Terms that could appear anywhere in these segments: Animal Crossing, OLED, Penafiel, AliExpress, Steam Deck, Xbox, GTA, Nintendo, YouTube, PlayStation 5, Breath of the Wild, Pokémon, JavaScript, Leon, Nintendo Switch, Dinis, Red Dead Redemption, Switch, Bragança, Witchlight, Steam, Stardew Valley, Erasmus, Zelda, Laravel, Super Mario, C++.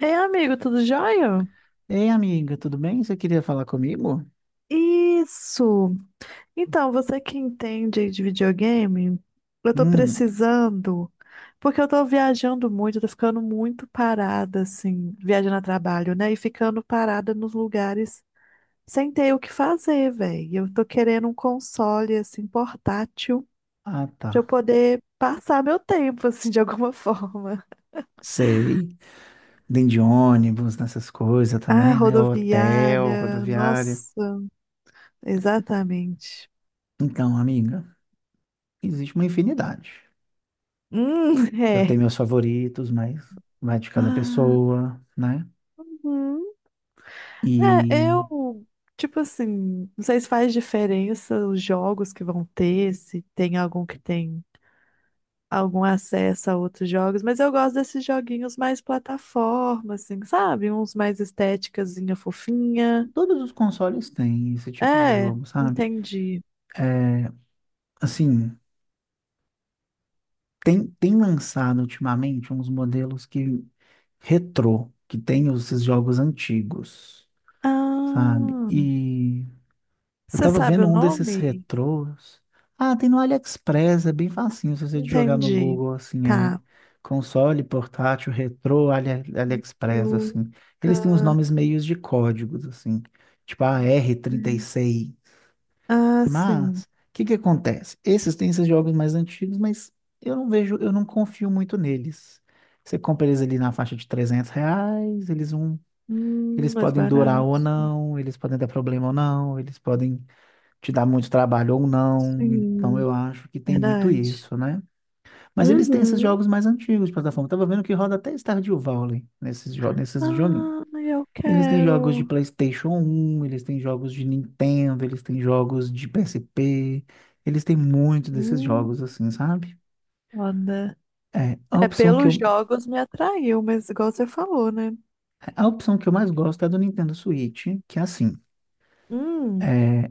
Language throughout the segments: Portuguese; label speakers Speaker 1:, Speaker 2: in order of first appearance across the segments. Speaker 1: Ei, amigo, tudo jóia?
Speaker 2: Ei, amiga, tudo bem? Você queria falar comigo?
Speaker 1: Isso! Então, você que entende de videogame, eu tô
Speaker 2: Hum,
Speaker 1: precisando, porque eu tô viajando muito, eu tô ficando muito parada, assim, viajando a trabalho, né? E ficando parada nos lugares sem ter o que fazer, velho. Eu tô querendo um console, assim, portátil,
Speaker 2: ah, tá.
Speaker 1: pra eu poder passar meu tempo, assim, de alguma forma.
Speaker 2: Sei. Vem de ônibus, nessas coisas
Speaker 1: Ah,
Speaker 2: também, né? Hotel,
Speaker 1: rodoviária,
Speaker 2: rodoviária.
Speaker 1: nossa, exatamente.
Speaker 2: Então, amiga, existe uma infinidade. Eu tenho
Speaker 1: É.
Speaker 2: meus favoritos, mas vai de cada
Speaker 1: Ah,
Speaker 2: pessoa, né?
Speaker 1: hum. É,
Speaker 2: E
Speaker 1: eu, tipo assim, não sei se faz diferença os jogos que vão ter, se tem algum que tem algum acesso a outros jogos, mas eu gosto desses joguinhos mais plataforma, assim, sabe? Uns mais estéticazinha fofinha.
Speaker 2: todos os consoles têm esse tipo de
Speaker 1: É,
Speaker 2: jogo, sabe?
Speaker 1: entendi.
Speaker 2: É, assim, tem lançado ultimamente uns modelos que retrô, que tem esses jogos antigos. Sabe?
Speaker 1: Ah,
Speaker 2: E eu
Speaker 1: você
Speaker 2: tava
Speaker 1: sabe
Speaker 2: vendo
Speaker 1: o
Speaker 2: um desses
Speaker 1: nome?
Speaker 2: retrôs. Ah, tem no AliExpress, é bem facinho se você jogar no
Speaker 1: Entendi.
Speaker 2: Google, assim, é
Speaker 1: Tá.
Speaker 2: console, portátil, retrô, AliExpress, assim.
Speaker 1: Fruta,
Speaker 2: Eles têm uns nomes meios de códigos, assim, tipo a r trinta e
Speaker 1: né?
Speaker 2: seis
Speaker 1: Ah, sim.
Speaker 2: Mas, o que que acontece? Esses têm esses jogos mais antigos, mas eu não vejo, eu não confio muito neles. Você compra eles ali na faixa de R$ 300, eles não, eles
Speaker 1: Mais
Speaker 2: podem durar
Speaker 1: barato.
Speaker 2: ou não, eles podem dar problema ou não, eles podem te dar muito trabalho ou não. Então
Speaker 1: Sim.
Speaker 2: eu acho que tem muito
Speaker 1: Verdade?
Speaker 2: isso, né? Mas eles têm esses
Speaker 1: Uhum.
Speaker 2: jogos mais antigos de plataforma. Eu tava vendo que roda até Stardew Valley nesses jogos, nesses joguinhos.
Speaker 1: Ai, eu
Speaker 2: Eles têm jogos de
Speaker 1: quero.
Speaker 2: PlayStation 1, eles têm jogos de Nintendo, eles têm jogos de PSP. Eles têm muito desses
Speaker 1: Hum,
Speaker 2: jogos assim, sabe?
Speaker 1: olha.
Speaker 2: É,
Speaker 1: É, pelos jogos me atraiu, mas igual você falou, né?
Speaker 2: a opção que eu mais gosto é a do Nintendo Switch, que é assim,
Speaker 1: Hum,
Speaker 2: é,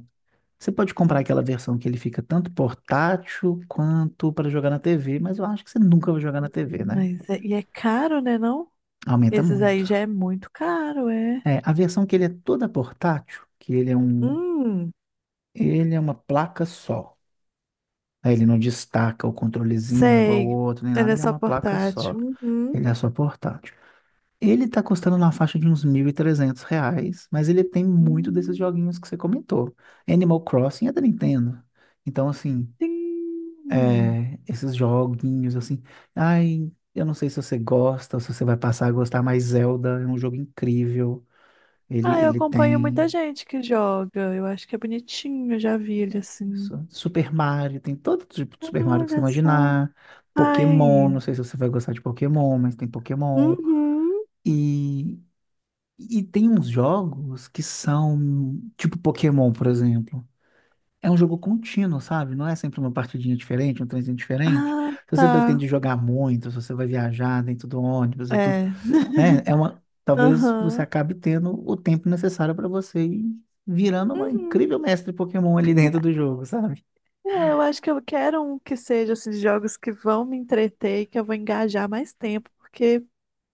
Speaker 2: você pode comprar aquela versão que ele fica tanto portátil quanto para jogar na TV, mas eu acho que você nunca vai jogar na TV, né?
Speaker 1: mas é, e é caro, né, não?
Speaker 2: Aumenta
Speaker 1: Esses
Speaker 2: muito.
Speaker 1: aí já é muito caro, é.
Speaker 2: É, a versão que ele é toda portátil, que ele é um,
Speaker 1: Hum,
Speaker 2: ele é uma placa só. Aí ele não destaca o controlezinho igual o
Speaker 1: sei.
Speaker 2: outro, nem
Speaker 1: Ele
Speaker 2: nada,
Speaker 1: é
Speaker 2: ele é
Speaker 1: só
Speaker 2: uma placa só.
Speaker 1: portátil. Uhum.
Speaker 2: Ele é só portátil. Ele tá custando na faixa de uns R$ 1.300, mas ele tem muito desses
Speaker 1: Hum,
Speaker 2: joguinhos que você comentou. Animal Crossing é da Nintendo. Então, assim,
Speaker 1: sim.
Speaker 2: é, esses joguinhos assim. Ai, eu não sei se você gosta ou se você vai passar a gostar, mas Zelda é um jogo incrível. Ele,
Speaker 1: Ah, eu
Speaker 2: ele
Speaker 1: acompanho muita
Speaker 2: tem
Speaker 1: gente que joga. Eu acho que é bonitinho, eu já vi ele assim.
Speaker 2: Super Mario, tem todo tipo de Super Mario que você
Speaker 1: Olha só.
Speaker 2: imaginar. Pokémon,
Speaker 1: Ai.
Speaker 2: não sei se você vai gostar de Pokémon, mas tem Pokémon.
Speaker 1: Uhum.
Speaker 2: E, e tem uns jogos que são tipo Pokémon, por exemplo. É um jogo contínuo, sabe? Não é sempre uma partidinha diferente, um trenzinho diferente.
Speaker 1: Ah,
Speaker 2: Se você
Speaker 1: tá.
Speaker 2: pretende jogar muito, se você vai viajar dentro do ônibus e tudo,
Speaker 1: É.
Speaker 2: né? É uma, talvez você
Speaker 1: Aham.
Speaker 2: acabe tendo o tempo necessário para você ir virando uma incrível
Speaker 1: Uhum.
Speaker 2: mestre Pokémon ali dentro do jogo, sabe?
Speaker 1: É, eu acho que eu quero um que seja esses jogos que vão me entreter e que eu vou engajar mais tempo, porque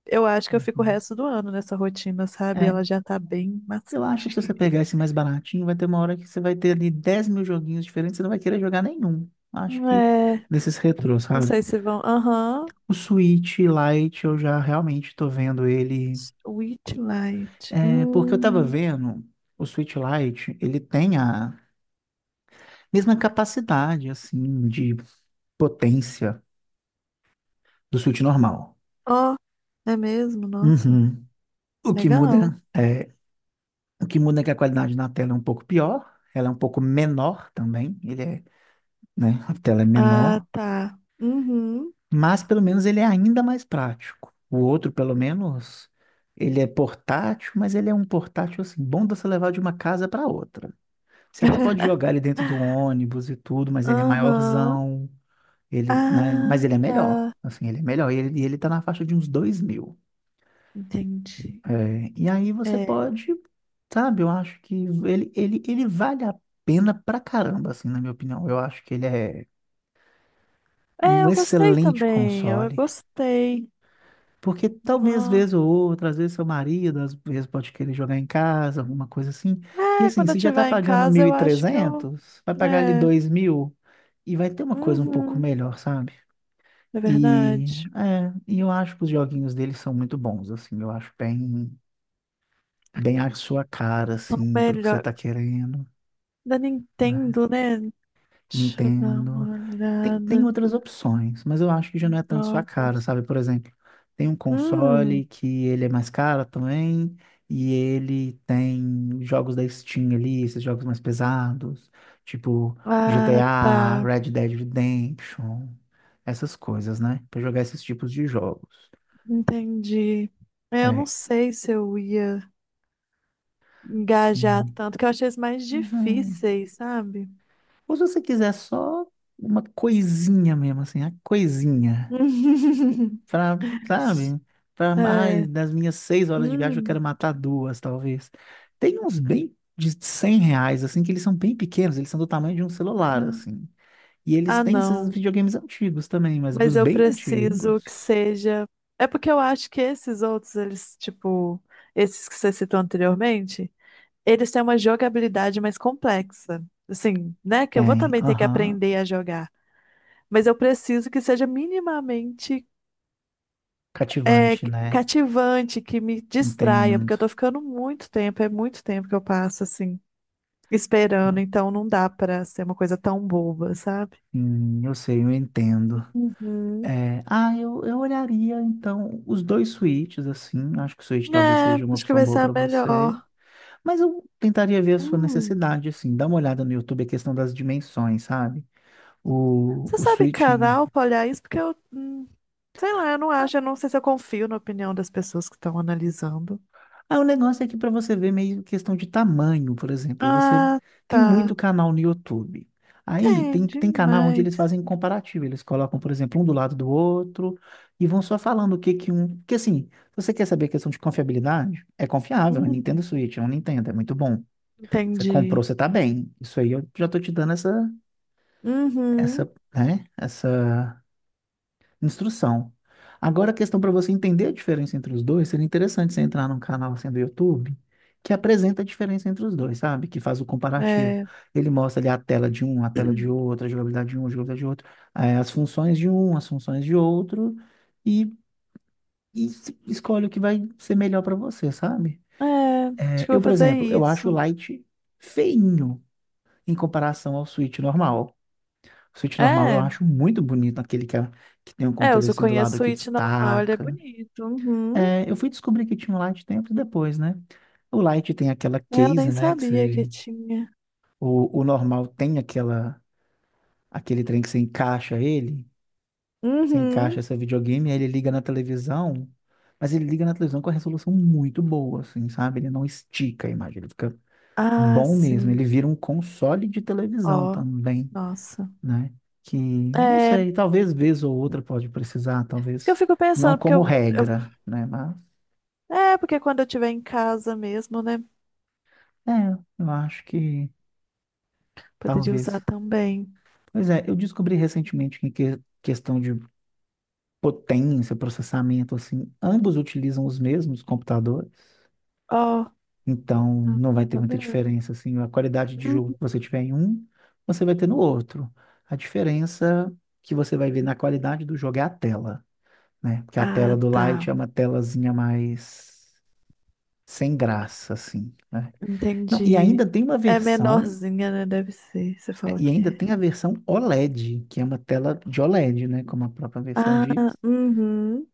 Speaker 1: eu acho que eu fico o
Speaker 2: Uhum.
Speaker 1: resto do ano nessa rotina, sabe?
Speaker 2: É,
Speaker 1: Ela já tá bem
Speaker 2: eu acho que se você
Speaker 1: maçante.
Speaker 2: pegar esse mais baratinho, vai ter uma hora que você vai ter ali 10 mil joguinhos diferentes, você não vai querer jogar nenhum. Acho que
Speaker 1: É,
Speaker 2: desses retrôs,
Speaker 1: não
Speaker 2: sabe?
Speaker 1: sei se vão. Aham.
Speaker 2: O Switch Lite, eu já realmente tô vendo ele.
Speaker 1: Witchlight.
Speaker 2: É, porque eu tava
Speaker 1: Hum.
Speaker 2: vendo, o Switch Lite, ele tem a mesma capacidade, assim, de potência do Switch normal.
Speaker 1: Ó, é mesmo? Nossa.
Speaker 2: Uhum. O que
Speaker 1: Legal.
Speaker 2: muda é, o que muda é que a qualidade na tela é um pouco pior, ela é um pouco menor também, ele é, né, a tela é
Speaker 1: Ah,
Speaker 2: menor,
Speaker 1: tá. Uhum.
Speaker 2: mas pelo menos ele é ainda mais prático. O outro, pelo menos, ele é portátil, mas ele é um portátil assim, bom de você levar de uma casa para outra. Você até pode jogar ele dentro do ônibus e tudo, mas ele é
Speaker 1: Aham.
Speaker 2: maiorzão, ele, né, mas
Speaker 1: Ah,
Speaker 2: ele é melhor,
Speaker 1: tá.
Speaker 2: assim, ele é melhor, e ele tá na faixa de uns 2.000.
Speaker 1: Entendi.
Speaker 2: É, e aí você
Speaker 1: É.
Speaker 2: pode, sabe, eu acho que ele vale a pena pra caramba, assim, na minha opinião. Eu acho que ele é
Speaker 1: É,
Speaker 2: um
Speaker 1: eu gostei
Speaker 2: excelente
Speaker 1: também. Eu
Speaker 2: console.
Speaker 1: gostei.
Speaker 2: Porque talvez,
Speaker 1: Não.
Speaker 2: vez ou outra, às vezes seu marido, às vezes pode querer jogar em casa, alguma coisa assim. E
Speaker 1: É,
Speaker 2: assim,
Speaker 1: quando eu
Speaker 2: você já tá
Speaker 1: estiver em
Speaker 2: pagando
Speaker 1: casa,
Speaker 2: mil e
Speaker 1: eu acho que
Speaker 2: trezentos vai pagar ali
Speaker 1: né?
Speaker 2: 2.000 e vai ter uma coisa um pouco
Speaker 1: Uhum.
Speaker 2: melhor, sabe?
Speaker 1: É
Speaker 2: E,
Speaker 1: verdade.
Speaker 2: é, e eu acho que os joguinhos dele são muito bons, assim, eu acho bem a sua cara,
Speaker 1: São
Speaker 2: assim, pelo que você
Speaker 1: melhor.
Speaker 2: tá querendo,
Speaker 1: Da
Speaker 2: né?
Speaker 1: Nintendo, né? Deixa eu dar
Speaker 2: Nintendo.
Speaker 1: uma
Speaker 2: Tem
Speaker 1: olhada.
Speaker 2: outras opções, mas eu acho que já não é tanto sua cara,
Speaker 1: Jogos.
Speaker 2: sabe? Por exemplo, tem um
Speaker 1: Hum.
Speaker 2: console que ele é mais caro também, e ele tem jogos da Steam ali, esses jogos mais pesados, tipo
Speaker 1: Ah,
Speaker 2: GTA,
Speaker 1: tá.
Speaker 2: Red Dead Redemption, essas coisas, né? Pra jogar esses tipos de jogos.
Speaker 1: Entendi. É, eu não
Speaker 2: É,
Speaker 1: sei se eu ia engajar
Speaker 2: sim.
Speaker 1: tanto, que eu achei isso mais difíceis, sabe?
Speaker 2: Ou se você quiser só uma coisinha mesmo, assim, a coisinha. Pra, sabe? Pra
Speaker 1: É.
Speaker 2: mais das minhas 6 horas de viagem, eu
Speaker 1: Hum,
Speaker 2: quero matar duas, talvez. Tem uns bem de R$ 100, assim, que eles são bem pequenos, eles são do tamanho de um celular,
Speaker 1: tá.
Speaker 2: assim. E eles
Speaker 1: Ah,
Speaker 2: têm esses
Speaker 1: não.
Speaker 2: videogames antigos também, mas
Speaker 1: Mas
Speaker 2: os
Speaker 1: eu
Speaker 2: bem
Speaker 1: preciso que
Speaker 2: antigos.
Speaker 1: seja. É porque eu acho que esses outros, eles, tipo, esses que você citou anteriormente, eles têm uma jogabilidade mais complexa. Assim, né? Que eu vou
Speaker 2: Tem,
Speaker 1: também ter que
Speaker 2: aham.
Speaker 1: aprender a jogar. Mas eu preciso que seja minimamente é,
Speaker 2: Cativante, né?
Speaker 1: cativante, que me distraia, porque
Speaker 2: Entendo.
Speaker 1: eu tô ficando muito tempo, é muito tempo que eu passo, assim, esperando. Então não dá pra ser uma coisa tão boba, sabe?
Speaker 2: Eu sei, eu entendo.
Speaker 1: Uhum.
Speaker 2: É, ah, eu olharia então os dois suítes, assim. Acho que o suíte talvez
Speaker 1: É,
Speaker 2: seja uma
Speaker 1: acho que
Speaker 2: opção
Speaker 1: vai
Speaker 2: boa
Speaker 1: ser a
Speaker 2: para você.
Speaker 1: melhor.
Speaker 2: Mas eu tentaria ver a sua
Speaker 1: Hum.
Speaker 2: necessidade, assim. Dá uma olhada no YouTube, a questão das dimensões, sabe? O,
Speaker 1: Você
Speaker 2: o
Speaker 1: sabe
Speaker 2: suíte.
Speaker 1: canal pra olhar isso? Porque eu sei lá, eu não acho, eu não sei se eu confio na opinião das pessoas que estão analisando.
Speaker 2: Ah, o negócio é que para você ver meio questão de tamanho, por exemplo, você
Speaker 1: Ah,
Speaker 2: tem
Speaker 1: tá.
Speaker 2: muito canal no YouTube. Aí
Speaker 1: Tem
Speaker 2: tem canal onde eles
Speaker 1: demais.
Speaker 2: fazem comparativo, eles colocam, por exemplo, um do lado do outro e vão só falando o que que um, que assim, se você quer saber a questão de confiabilidade, é confiável, a Nintendo
Speaker 1: Hum,
Speaker 2: Switch, é um Nintendo, é muito bom. Você comprou,
Speaker 1: entendi.
Speaker 2: você tá bem. Isso aí eu já tô te dando essa essa,
Speaker 1: Uhum.
Speaker 2: né, essa instrução. Agora a questão para você entender a diferença entre os dois, seria interessante você entrar num canal assim do YouTube que apresenta a diferença entre os dois, sabe? Que faz o comparativo.
Speaker 1: É,
Speaker 2: Ele mostra ali a tela de um, a tela de outro, a jogabilidade de um, a jogabilidade de outro, as funções de um, as funções de outro, e, e escolhe o que vai ser melhor para você, sabe?
Speaker 1: é, acho
Speaker 2: Eh,
Speaker 1: que eu vou
Speaker 2: eu, por
Speaker 1: fazer
Speaker 2: exemplo, eu acho
Speaker 1: isso.
Speaker 2: o Lite feinho em comparação ao Switch normal. O Switch normal eu
Speaker 1: É,
Speaker 2: acho muito bonito, aquele que tem um
Speaker 1: eu
Speaker 2: controle
Speaker 1: só
Speaker 2: assim do lado
Speaker 1: conheço o
Speaker 2: que
Speaker 1: it normal, ele é
Speaker 2: destaca.
Speaker 1: bonito. Uhum.
Speaker 2: É, eu fui descobrir que tinha um light tempos depois, né? O light tem aquela
Speaker 1: É, eu
Speaker 2: case,
Speaker 1: nem
Speaker 2: né? Que
Speaker 1: sabia que
Speaker 2: você,
Speaker 1: tinha.
Speaker 2: o normal tem aquela, aquele trem que você encaixa ele, você
Speaker 1: Uhum.
Speaker 2: encaixa seu videogame, aí ele liga na televisão, mas ele liga na televisão com a resolução muito boa, assim, sabe? Ele não estica a imagem, ele fica
Speaker 1: Ah,
Speaker 2: bom mesmo. Ele
Speaker 1: sim.
Speaker 2: vira um console de televisão
Speaker 1: Ó,
Speaker 2: também,
Speaker 1: nossa.
Speaker 2: né? Que, não
Speaker 1: É,
Speaker 2: sei, talvez vez ou outra pode precisar,
Speaker 1: isso que eu
Speaker 2: talvez
Speaker 1: fico
Speaker 2: não
Speaker 1: pensando, porque
Speaker 2: como
Speaker 1: eu.
Speaker 2: regra, né? Mas,
Speaker 1: É, porque quando eu estiver em casa mesmo, né?
Speaker 2: é, eu acho que
Speaker 1: Poderia usar
Speaker 2: talvez.
Speaker 1: também.
Speaker 2: Pois é, eu descobri recentemente que em questão de potência, processamento, assim, ambos utilizam os mesmos computadores,
Speaker 1: Ó,
Speaker 2: então
Speaker 1: ah,
Speaker 2: não vai ter
Speaker 1: tá
Speaker 2: muita
Speaker 1: bem.
Speaker 2: diferença, assim, a qualidade de jogo
Speaker 1: Uhum.
Speaker 2: que você tiver em um, você vai ter no outro. A diferença que você vai ver na qualidade do jogo é a tela, né? Porque a tela
Speaker 1: Ah,
Speaker 2: do
Speaker 1: tá.
Speaker 2: Lite é uma telazinha mais sem graça, assim, né? Não, e ainda
Speaker 1: Entendi.
Speaker 2: tem uma
Speaker 1: É
Speaker 2: versão,
Speaker 1: menorzinha, né? Deve ser. Você falou
Speaker 2: e
Speaker 1: que
Speaker 2: ainda
Speaker 1: é.
Speaker 2: tem a versão OLED, que é uma tela de OLED, né? Como a própria versão
Speaker 1: Ah,
Speaker 2: diz.
Speaker 1: uhum.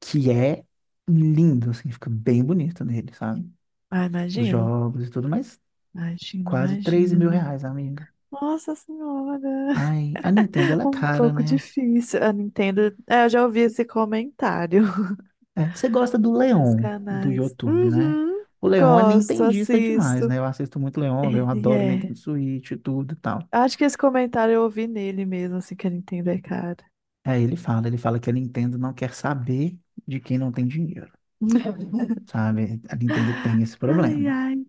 Speaker 2: Que é lindo, assim, fica bem bonito nele, sabe?
Speaker 1: Ah,
Speaker 2: Os
Speaker 1: imagino.
Speaker 2: jogos e tudo, mas
Speaker 1: Imagino,
Speaker 2: quase 13 mil
Speaker 1: imagino.
Speaker 2: reais, amiga.
Speaker 1: Nossa Senhora.
Speaker 2: Ai, a Nintendo, ela é
Speaker 1: Um
Speaker 2: cara,
Speaker 1: pouco
Speaker 2: né?
Speaker 1: difícil. A Nintendo. É, eu já ouvi esse comentário
Speaker 2: É, você gosta do
Speaker 1: nos
Speaker 2: Leon, do
Speaker 1: canais.
Speaker 2: YouTube, né?
Speaker 1: Uhum.
Speaker 2: O Leon é
Speaker 1: Gosto,
Speaker 2: nintendista demais,
Speaker 1: assisto.
Speaker 2: né? Eu assisto muito Leon, o Leon
Speaker 1: Ele
Speaker 2: adora
Speaker 1: é.
Speaker 2: Nintendo Switch e tudo e tal.
Speaker 1: Acho que esse comentário eu ouvi nele mesmo, assim, que ele entender, cara.
Speaker 2: Aí ele fala que a Nintendo não quer saber de quem não tem dinheiro, sabe? A Nintendo tem esse
Speaker 1: Ai,
Speaker 2: problema.
Speaker 1: ai,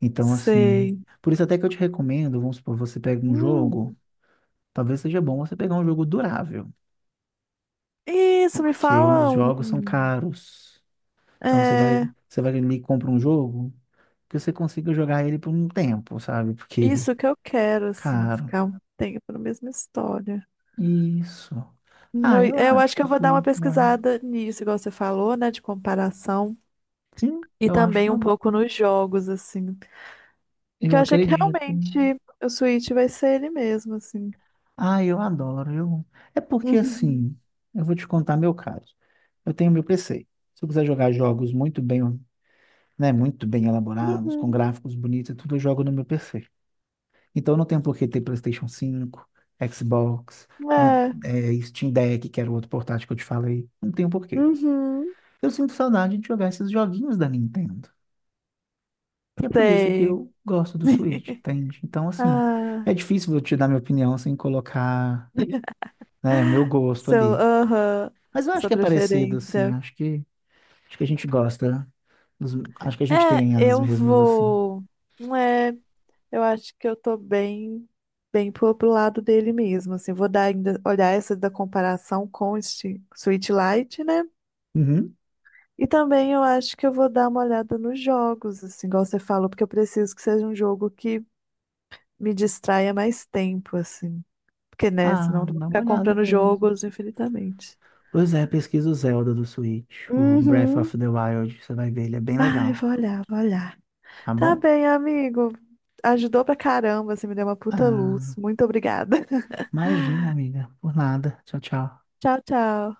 Speaker 2: Então, assim,
Speaker 1: sei.
Speaker 2: por isso até que eu te recomendo, vamos supor, você pega um
Speaker 1: Hum,
Speaker 2: jogo, talvez seja bom você pegar um jogo durável,
Speaker 1: isso, me
Speaker 2: porque os
Speaker 1: fala
Speaker 2: jogos são
Speaker 1: um.
Speaker 2: caros. Então você vai,
Speaker 1: É,
Speaker 2: você vai ali e compra um jogo que você consiga jogar ele por um tempo, sabe? Porque
Speaker 1: isso que eu quero, assim,
Speaker 2: caro.
Speaker 1: ficar um tempo na mesma história.
Speaker 2: Isso. Ah,
Speaker 1: Eu,
Speaker 2: eu
Speaker 1: eu
Speaker 2: acho
Speaker 1: acho que
Speaker 2: que o
Speaker 1: eu vou dar uma
Speaker 2: Switch vai.
Speaker 1: pesquisada nisso, igual você falou, né, de comparação.
Speaker 2: Sim,
Speaker 1: E
Speaker 2: eu acho
Speaker 1: também
Speaker 2: uma
Speaker 1: um pouco
Speaker 2: boa.
Speaker 1: nos jogos, assim. Porque
Speaker 2: Eu
Speaker 1: eu achei que
Speaker 2: acredito.
Speaker 1: realmente o Switch vai ser ele mesmo, assim.
Speaker 2: Ah, eu adoro. Eu... É porque assim, eu vou te contar meu caso. Eu tenho meu PC. Se eu quiser jogar jogos muito bem, né, muito bem elaborados,
Speaker 1: Uhum.
Speaker 2: com gráficos bonitos e tudo, eu jogo no meu PC. Então não tem por que ter PlayStation 5, Xbox,
Speaker 1: Uhum. É.
Speaker 2: Steam Deck, que era o outro portátil que eu te falei. Não tem por quê.
Speaker 1: Uhum.
Speaker 2: Eu sinto saudade de jogar esses joguinhos da Nintendo. E é por isso que
Speaker 1: Sei.
Speaker 2: eu gosto do Switch, entende? Então, assim,
Speaker 1: Ah,
Speaker 2: é difícil eu te dar minha opinião sem colocar, né, meu gosto
Speaker 1: seu,
Speaker 2: ali.
Speaker 1: aham,
Speaker 2: Mas eu acho
Speaker 1: sua
Speaker 2: que é parecido, assim.
Speaker 1: preferência.
Speaker 2: Acho que a gente gosta. dos- acho que a
Speaker 1: É,
Speaker 2: gente tem as
Speaker 1: eu
Speaker 2: mesmas, assim.
Speaker 1: vou. Não é, eu acho que eu tô bem, bem pro lado dele mesmo. Assim, vou dar ainda, olhar essa da comparação com o Sweet Light, né?
Speaker 2: Uhum.
Speaker 1: E também eu acho que eu vou dar uma olhada nos jogos, assim, igual você falou, porque eu preciso que seja um jogo que me distraia mais tempo, assim. Porque, né, senão
Speaker 2: Ah,
Speaker 1: eu vou
Speaker 2: dá uma
Speaker 1: ficar
Speaker 2: olhada
Speaker 1: comprando
Speaker 2: mesmo.
Speaker 1: jogos infinitamente.
Speaker 2: Pois é, pesquisa o Zelda do Switch, o Breath
Speaker 1: Uhum.
Speaker 2: of the Wild, você vai ver, ele é bem
Speaker 1: Ai, vou
Speaker 2: legal,
Speaker 1: olhar, vou olhar.
Speaker 2: tá
Speaker 1: Tá
Speaker 2: bom?
Speaker 1: bem, amigo. Ajudou pra caramba, você me deu uma puta luz.
Speaker 2: Ah,
Speaker 1: Muito obrigada.
Speaker 2: imagina, amiga, por nada. Tchau, tchau.
Speaker 1: Tchau, tchau.